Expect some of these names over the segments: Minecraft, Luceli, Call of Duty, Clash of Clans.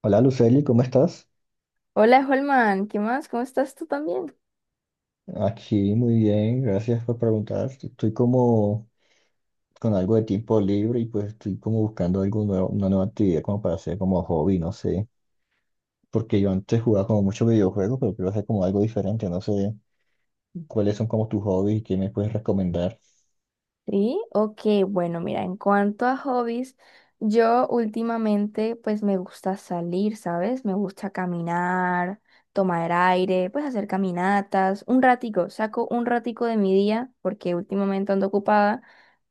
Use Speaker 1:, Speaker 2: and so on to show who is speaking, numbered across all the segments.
Speaker 1: Hola Luceli, ¿cómo estás?
Speaker 2: Hola, Holman, ¿qué más? ¿Cómo estás tú también?
Speaker 1: Aquí muy bien, gracias por preguntar. Estoy como con algo de tiempo libre y pues estoy como buscando algo nuevo, una nueva actividad como para hacer como hobby, no sé. Porque yo antes jugaba como muchos videojuegos, pero quiero hacer como algo diferente, no sé cuáles son como tus hobbies y qué me puedes recomendar.
Speaker 2: Sí, ok, bueno, mira, en cuanto a hobbies, yo últimamente pues me gusta salir, ¿sabes? Me gusta caminar, tomar aire, pues hacer caminatas, un ratico, saco un ratico de mi día porque últimamente ando ocupada,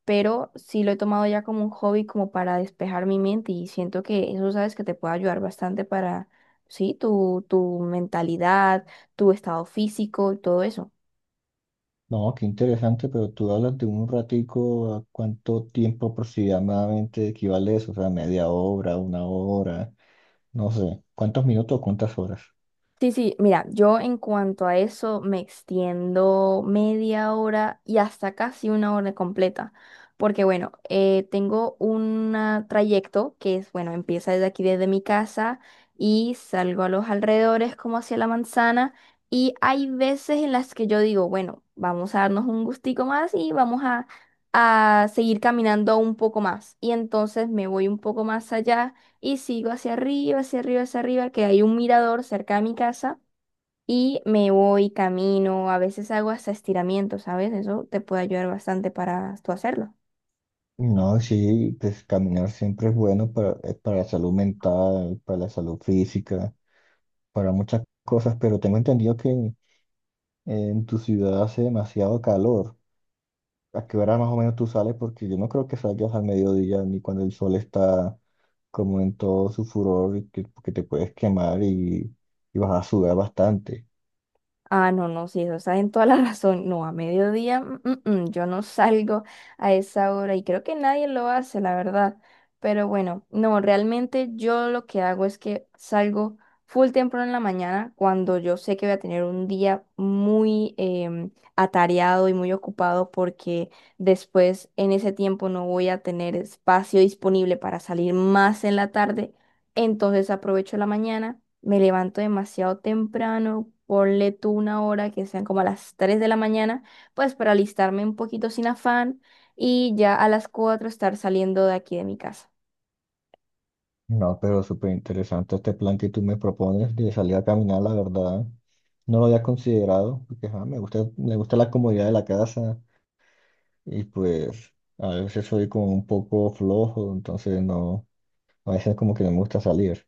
Speaker 2: pero sí lo he tomado ya como un hobby como para despejar mi mente y siento que eso, ¿sabes? Que te puede ayudar bastante para, sí, tu mentalidad, tu estado físico y todo eso.
Speaker 1: No, qué interesante, pero tú hablas de un ratico, ¿a cuánto tiempo aproximadamente equivale eso? O sea, media hora, una hora, no sé. ¿Cuántos minutos, cuántas horas?
Speaker 2: Sí, sí, mira, yo en cuanto a eso me extiendo media hora y hasta casi 1 hora completa, porque bueno, tengo un trayecto que es, bueno, empieza desde aquí, desde mi casa y salgo a los alrededores como hacia la manzana y hay veces en las que yo digo, bueno, vamos a darnos un gustico más y vamos a seguir caminando un poco más y entonces me voy un poco más allá. Y sigo hacia arriba, hacia arriba, hacia arriba, que hay un mirador cerca de mi casa y me voy, camino, a veces hago hasta estiramiento, ¿sabes? Eso te puede ayudar bastante para tú hacerlo.
Speaker 1: No, sí, pues caminar siempre es bueno para la salud mental, para la salud física, para muchas cosas, pero tengo entendido que en tu ciudad hace demasiado calor. ¿A qué hora más o menos tú sales? Porque yo no creo que salgas al mediodía ni cuando el sol está como en todo su furor y que te puedes quemar y vas a sudar bastante.
Speaker 2: Ah, no, no, sí, eso está en toda la razón. No, a mediodía, yo no salgo a esa hora y creo que nadie lo hace, la verdad. Pero bueno, no, realmente yo lo que hago es que salgo full temprano en la mañana cuando yo sé que voy a tener un día muy atareado y muy ocupado porque después en ese tiempo no voy a tener espacio disponible para salir más en la tarde, entonces aprovecho la mañana, me levanto demasiado temprano, ponle tú una hora que sean como a las 3 de la mañana, pues para alistarme un poquito sin afán y ya a las 4 estar saliendo de aquí de mi casa.
Speaker 1: No, pero súper interesante este plan que tú me propones de salir a caminar, la verdad. No lo había considerado, porque ajá, me gusta la comodidad de la casa, y pues a veces soy como un poco flojo, entonces no, a veces como que no me gusta salir.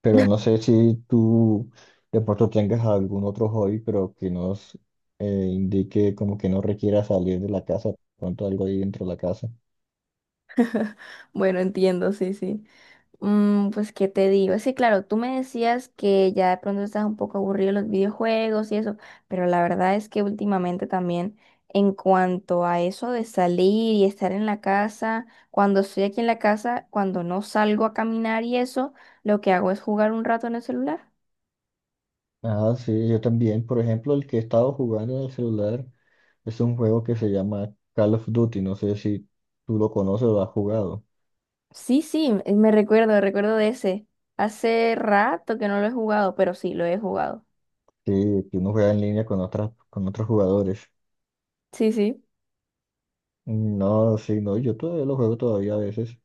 Speaker 1: Pero no sé si tú de pronto tengas algún otro hobby, pero que nos eh, indique como que no requiera salir de la casa, pronto algo ahí dentro de la casa.
Speaker 2: Bueno, entiendo, sí, sí. Pues, ¿qué te digo? Sí, claro, tú me decías que ya de pronto estás un poco aburrido de los videojuegos y eso, pero la verdad es que últimamente también, en cuanto a eso de salir y estar en la casa, cuando estoy aquí en la casa, cuando no salgo a caminar y eso, lo que hago es jugar un rato en el celular.
Speaker 1: Ah, sí, yo también, por ejemplo, el que he estado jugando en el celular es un juego que se llama Call of Duty, no sé si tú lo conoces o lo has jugado,
Speaker 2: Sí, sí, recuerdo de ese. Hace rato que no lo he jugado, pero sí, lo he jugado.
Speaker 1: sí que uno juega en línea con otros jugadores.
Speaker 2: Sí, sí.
Speaker 1: Mm, no, sí, no, yo todavía lo juego todavía a veces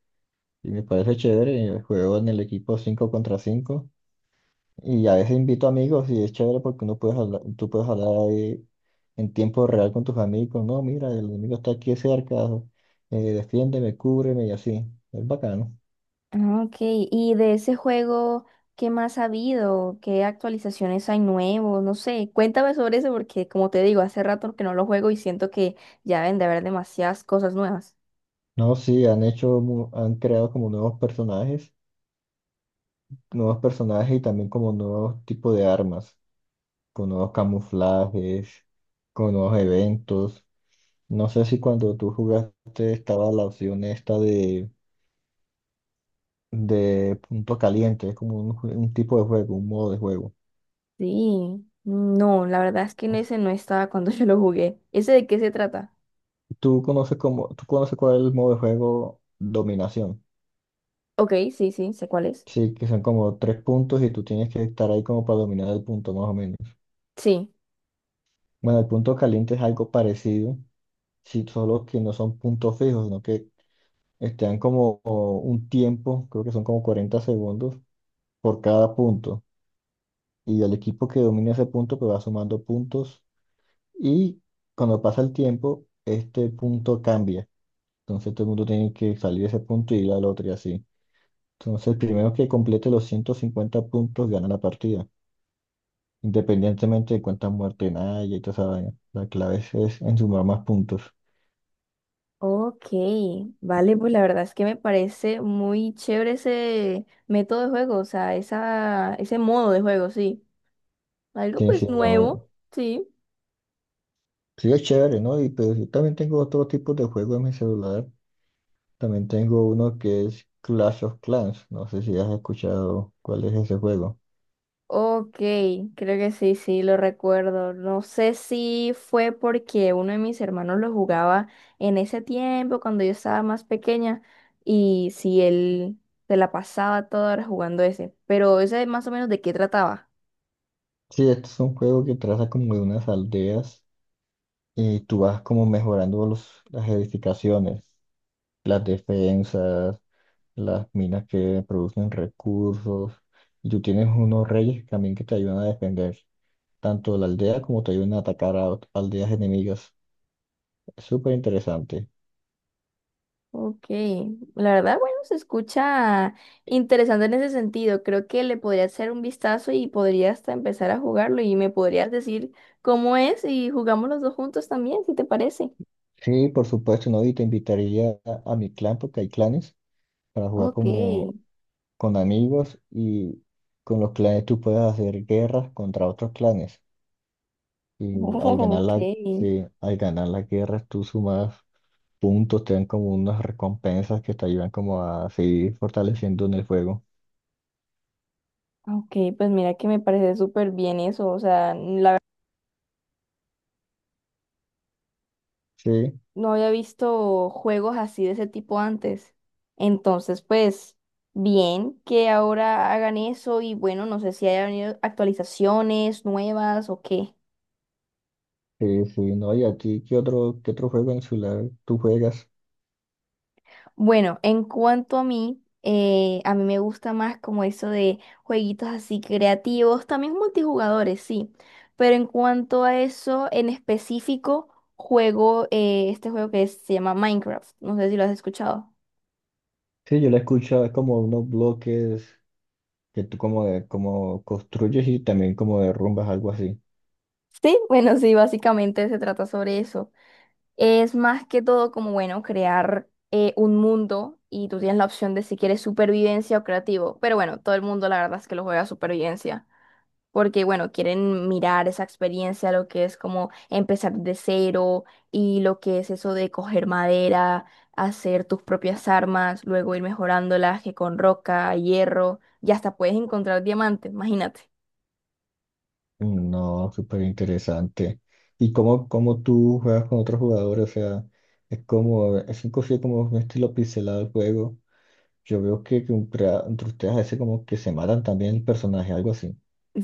Speaker 1: y me parece chévere. Juego en el equipo 5 contra 5 y a veces invito amigos y es chévere porque tú puedes hablar ahí en tiempo real con tus amigos. No, mira, el enemigo está aquí cerca, defiéndeme, cúbreme y así. Es bacano.
Speaker 2: Ah, ok, y de ese juego, ¿qué más ha habido? ¿Qué actualizaciones hay nuevos? No sé, cuéntame sobre eso porque como te digo, hace rato que no lo juego y siento que ya deben de haber demasiadas cosas nuevas.
Speaker 1: No, sí, han hecho, han creado como nuevos personajes y también como nuevos tipos de armas, con nuevos camuflajes, con nuevos eventos. No sé si cuando tú jugaste estaba la opción esta de punto caliente, es como un tipo de juego, un modo de juego.
Speaker 2: Sí, no, la verdad es que en ese no estaba cuando yo lo jugué. ¿Ese de qué se trata?
Speaker 1: ¿Tú conoces como, tú conoces cuál es el modo de juego dominación?
Speaker 2: Ok, sí, sí, sé cuál es.
Speaker 1: Sí, que son como tres puntos y tú tienes que estar ahí como para dominar el punto más o menos.
Speaker 2: Sí.
Speaker 1: Bueno, el punto caliente es algo parecido, sí, solo que no son puntos fijos, sino que están como un tiempo, creo que son como 40 segundos por cada punto. Y el equipo que domina ese punto pues va sumando puntos. Y cuando pasa el tiempo, este punto cambia. Entonces todo el mundo tiene que salir de ese punto y ir al otro y así. Entonces el primero que complete los 150 puntos gana la partida, independientemente de cuántas muertes haya y toda esa vaina. La clave es en sumar más puntos.
Speaker 2: Ok, vale, pues la verdad es que me parece muy chévere ese método de juego, o sea, esa, ese modo de juego, sí. Algo
Speaker 1: Sí,
Speaker 2: pues
Speaker 1: sí, no,
Speaker 2: nuevo, sí.
Speaker 1: sí es chévere, ¿no? Y pero yo también tengo otro tipo de juego en mi celular. También tengo uno que es Clash of Clans. No sé si has escuchado cuál es ese juego.
Speaker 2: Ok, creo que sí, sí, lo recuerdo. No sé si fue porque uno de mis hermanos lo jugaba en ese tiempo, cuando yo estaba más pequeña, y si él se la pasaba toda hora jugando ese. Pero ese más o menos de qué trataba.
Speaker 1: Sí, este es un juego que trata como de unas aldeas y tú vas como mejorando las edificaciones, las defensas, las minas que producen recursos, y tú tienes unos reyes también que te ayudan a defender tanto la aldea como te ayudan a atacar a aldeas enemigas. Es súper interesante.
Speaker 2: Ok, la verdad, bueno, se escucha interesante en ese sentido. Creo que le podría hacer un vistazo y podría hasta empezar a jugarlo y me podrías decir cómo es y jugamos los dos juntos también, si te parece.
Speaker 1: Sí, por supuesto, ¿no? Y te invitaría a mi clan porque hay clanes para jugar
Speaker 2: Ok.
Speaker 1: como con amigos y con los clanes tú puedes hacer guerras contra otros clanes y
Speaker 2: Oh, ok.
Speaker 1: sí, al ganar las guerras tú sumas puntos, te dan como unas recompensas que te ayudan como a seguir fortaleciendo en el juego.
Speaker 2: Ah, ok, pues mira que me parece súper bien eso. O sea, la verdad
Speaker 1: Sí,
Speaker 2: no había visto juegos así de ese tipo antes. Entonces, pues, bien que ahora hagan eso y bueno, no sé si haya venido actualizaciones nuevas o qué.
Speaker 1: sí, sí, no, y a ti, ¿qué otro juego en el celular tú juegas?
Speaker 2: Bueno, en cuanto a mí me gusta más como eso de jueguitos así creativos, también multijugadores, sí. Pero en cuanto a eso, en específico, juego este juego que se llama Minecraft. No sé si lo has escuchado.
Speaker 1: Sí, yo le escucho, es como unos bloques que tú como, como construyes y también como derrumbas, algo así.
Speaker 2: Sí, bueno, sí, básicamente se trata sobre eso. Es más que todo como, bueno, crear un mundo y tú tienes la opción de si quieres supervivencia o creativo. Pero bueno, todo el mundo la verdad es que lo juega a supervivencia, porque bueno, quieren mirar esa experiencia, lo que es como empezar de cero y lo que es eso de coger madera, hacer tus propias armas, luego ir mejorándolas que con roca, hierro, y hasta puedes encontrar diamantes, imagínate.
Speaker 1: Mm, no, súper interesante. ¿Y cómo tú juegas con otros jugadores? O sea, es un como un estilo pixelado el juego. Yo veo que entre ustedes a veces como que se matan también el personaje, algo así.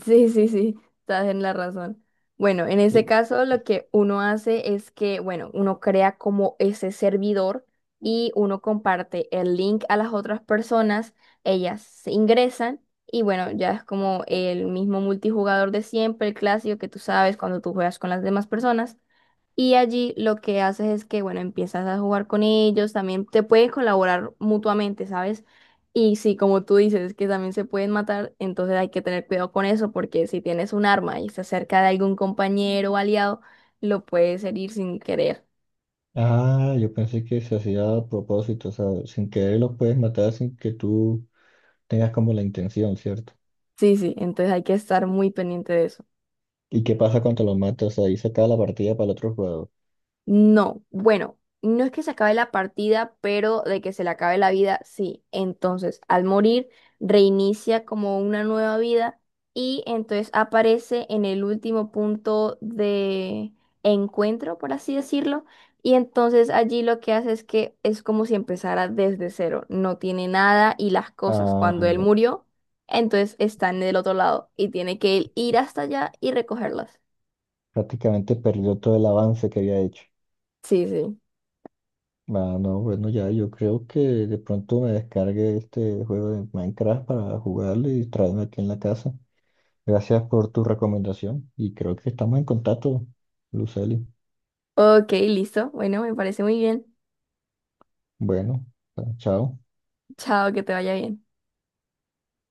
Speaker 2: Sí, sí, sí, estás en la razón. Bueno, en ese caso lo que uno hace es que, bueno, uno crea como ese servidor y uno comparte el link a las otras personas, ellas se ingresan y bueno, ya es como el mismo multijugador de siempre, el clásico que tú sabes cuando tú juegas con las demás personas. Y allí lo que haces es que, bueno, empiezas a jugar con ellos, también te pueden colaborar mutuamente, ¿sabes? Y si, como tú dices, que también se pueden matar, entonces hay que tener cuidado con eso, porque si tienes un arma y se acerca de algún compañero o aliado, lo puedes herir sin querer.
Speaker 1: Ah, yo pensé que se hacía a propósito, o sea, sin querer los puedes matar sin que tú tengas como la intención, ¿cierto?
Speaker 2: Sí, sí, entonces hay que estar muy pendiente de eso.
Speaker 1: ¿Y qué pasa cuando los matas? Ahí se acaba la partida para el otro jugador.
Speaker 2: No, bueno, no es que se acabe la partida, pero de que se le acabe la vida, sí. Entonces, al morir, reinicia como una nueva vida y entonces aparece en el último punto de encuentro, por así decirlo. Y entonces allí lo que hace es que es como si empezara desde cero, no tiene nada y las cosas.
Speaker 1: Ah,
Speaker 2: Cuando él
Speaker 1: ya.
Speaker 2: murió, entonces está en el otro lado y tiene que él ir hasta allá y recogerlas.
Speaker 1: Prácticamente perdió todo el avance que había hecho.
Speaker 2: Sí, sí.
Speaker 1: Ah, no, bueno, ya, yo creo que de pronto me descargue este juego de Minecraft para jugarlo y traerme aquí en la casa. Gracias por tu recomendación y creo que estamos en contacto, Luceli.
Speaker 2: Ok, listo. Bueno, me parece muy bien.
Speaker 1: Bueno, ah, chao.
Speaker 2: Chao, que te vaya bien.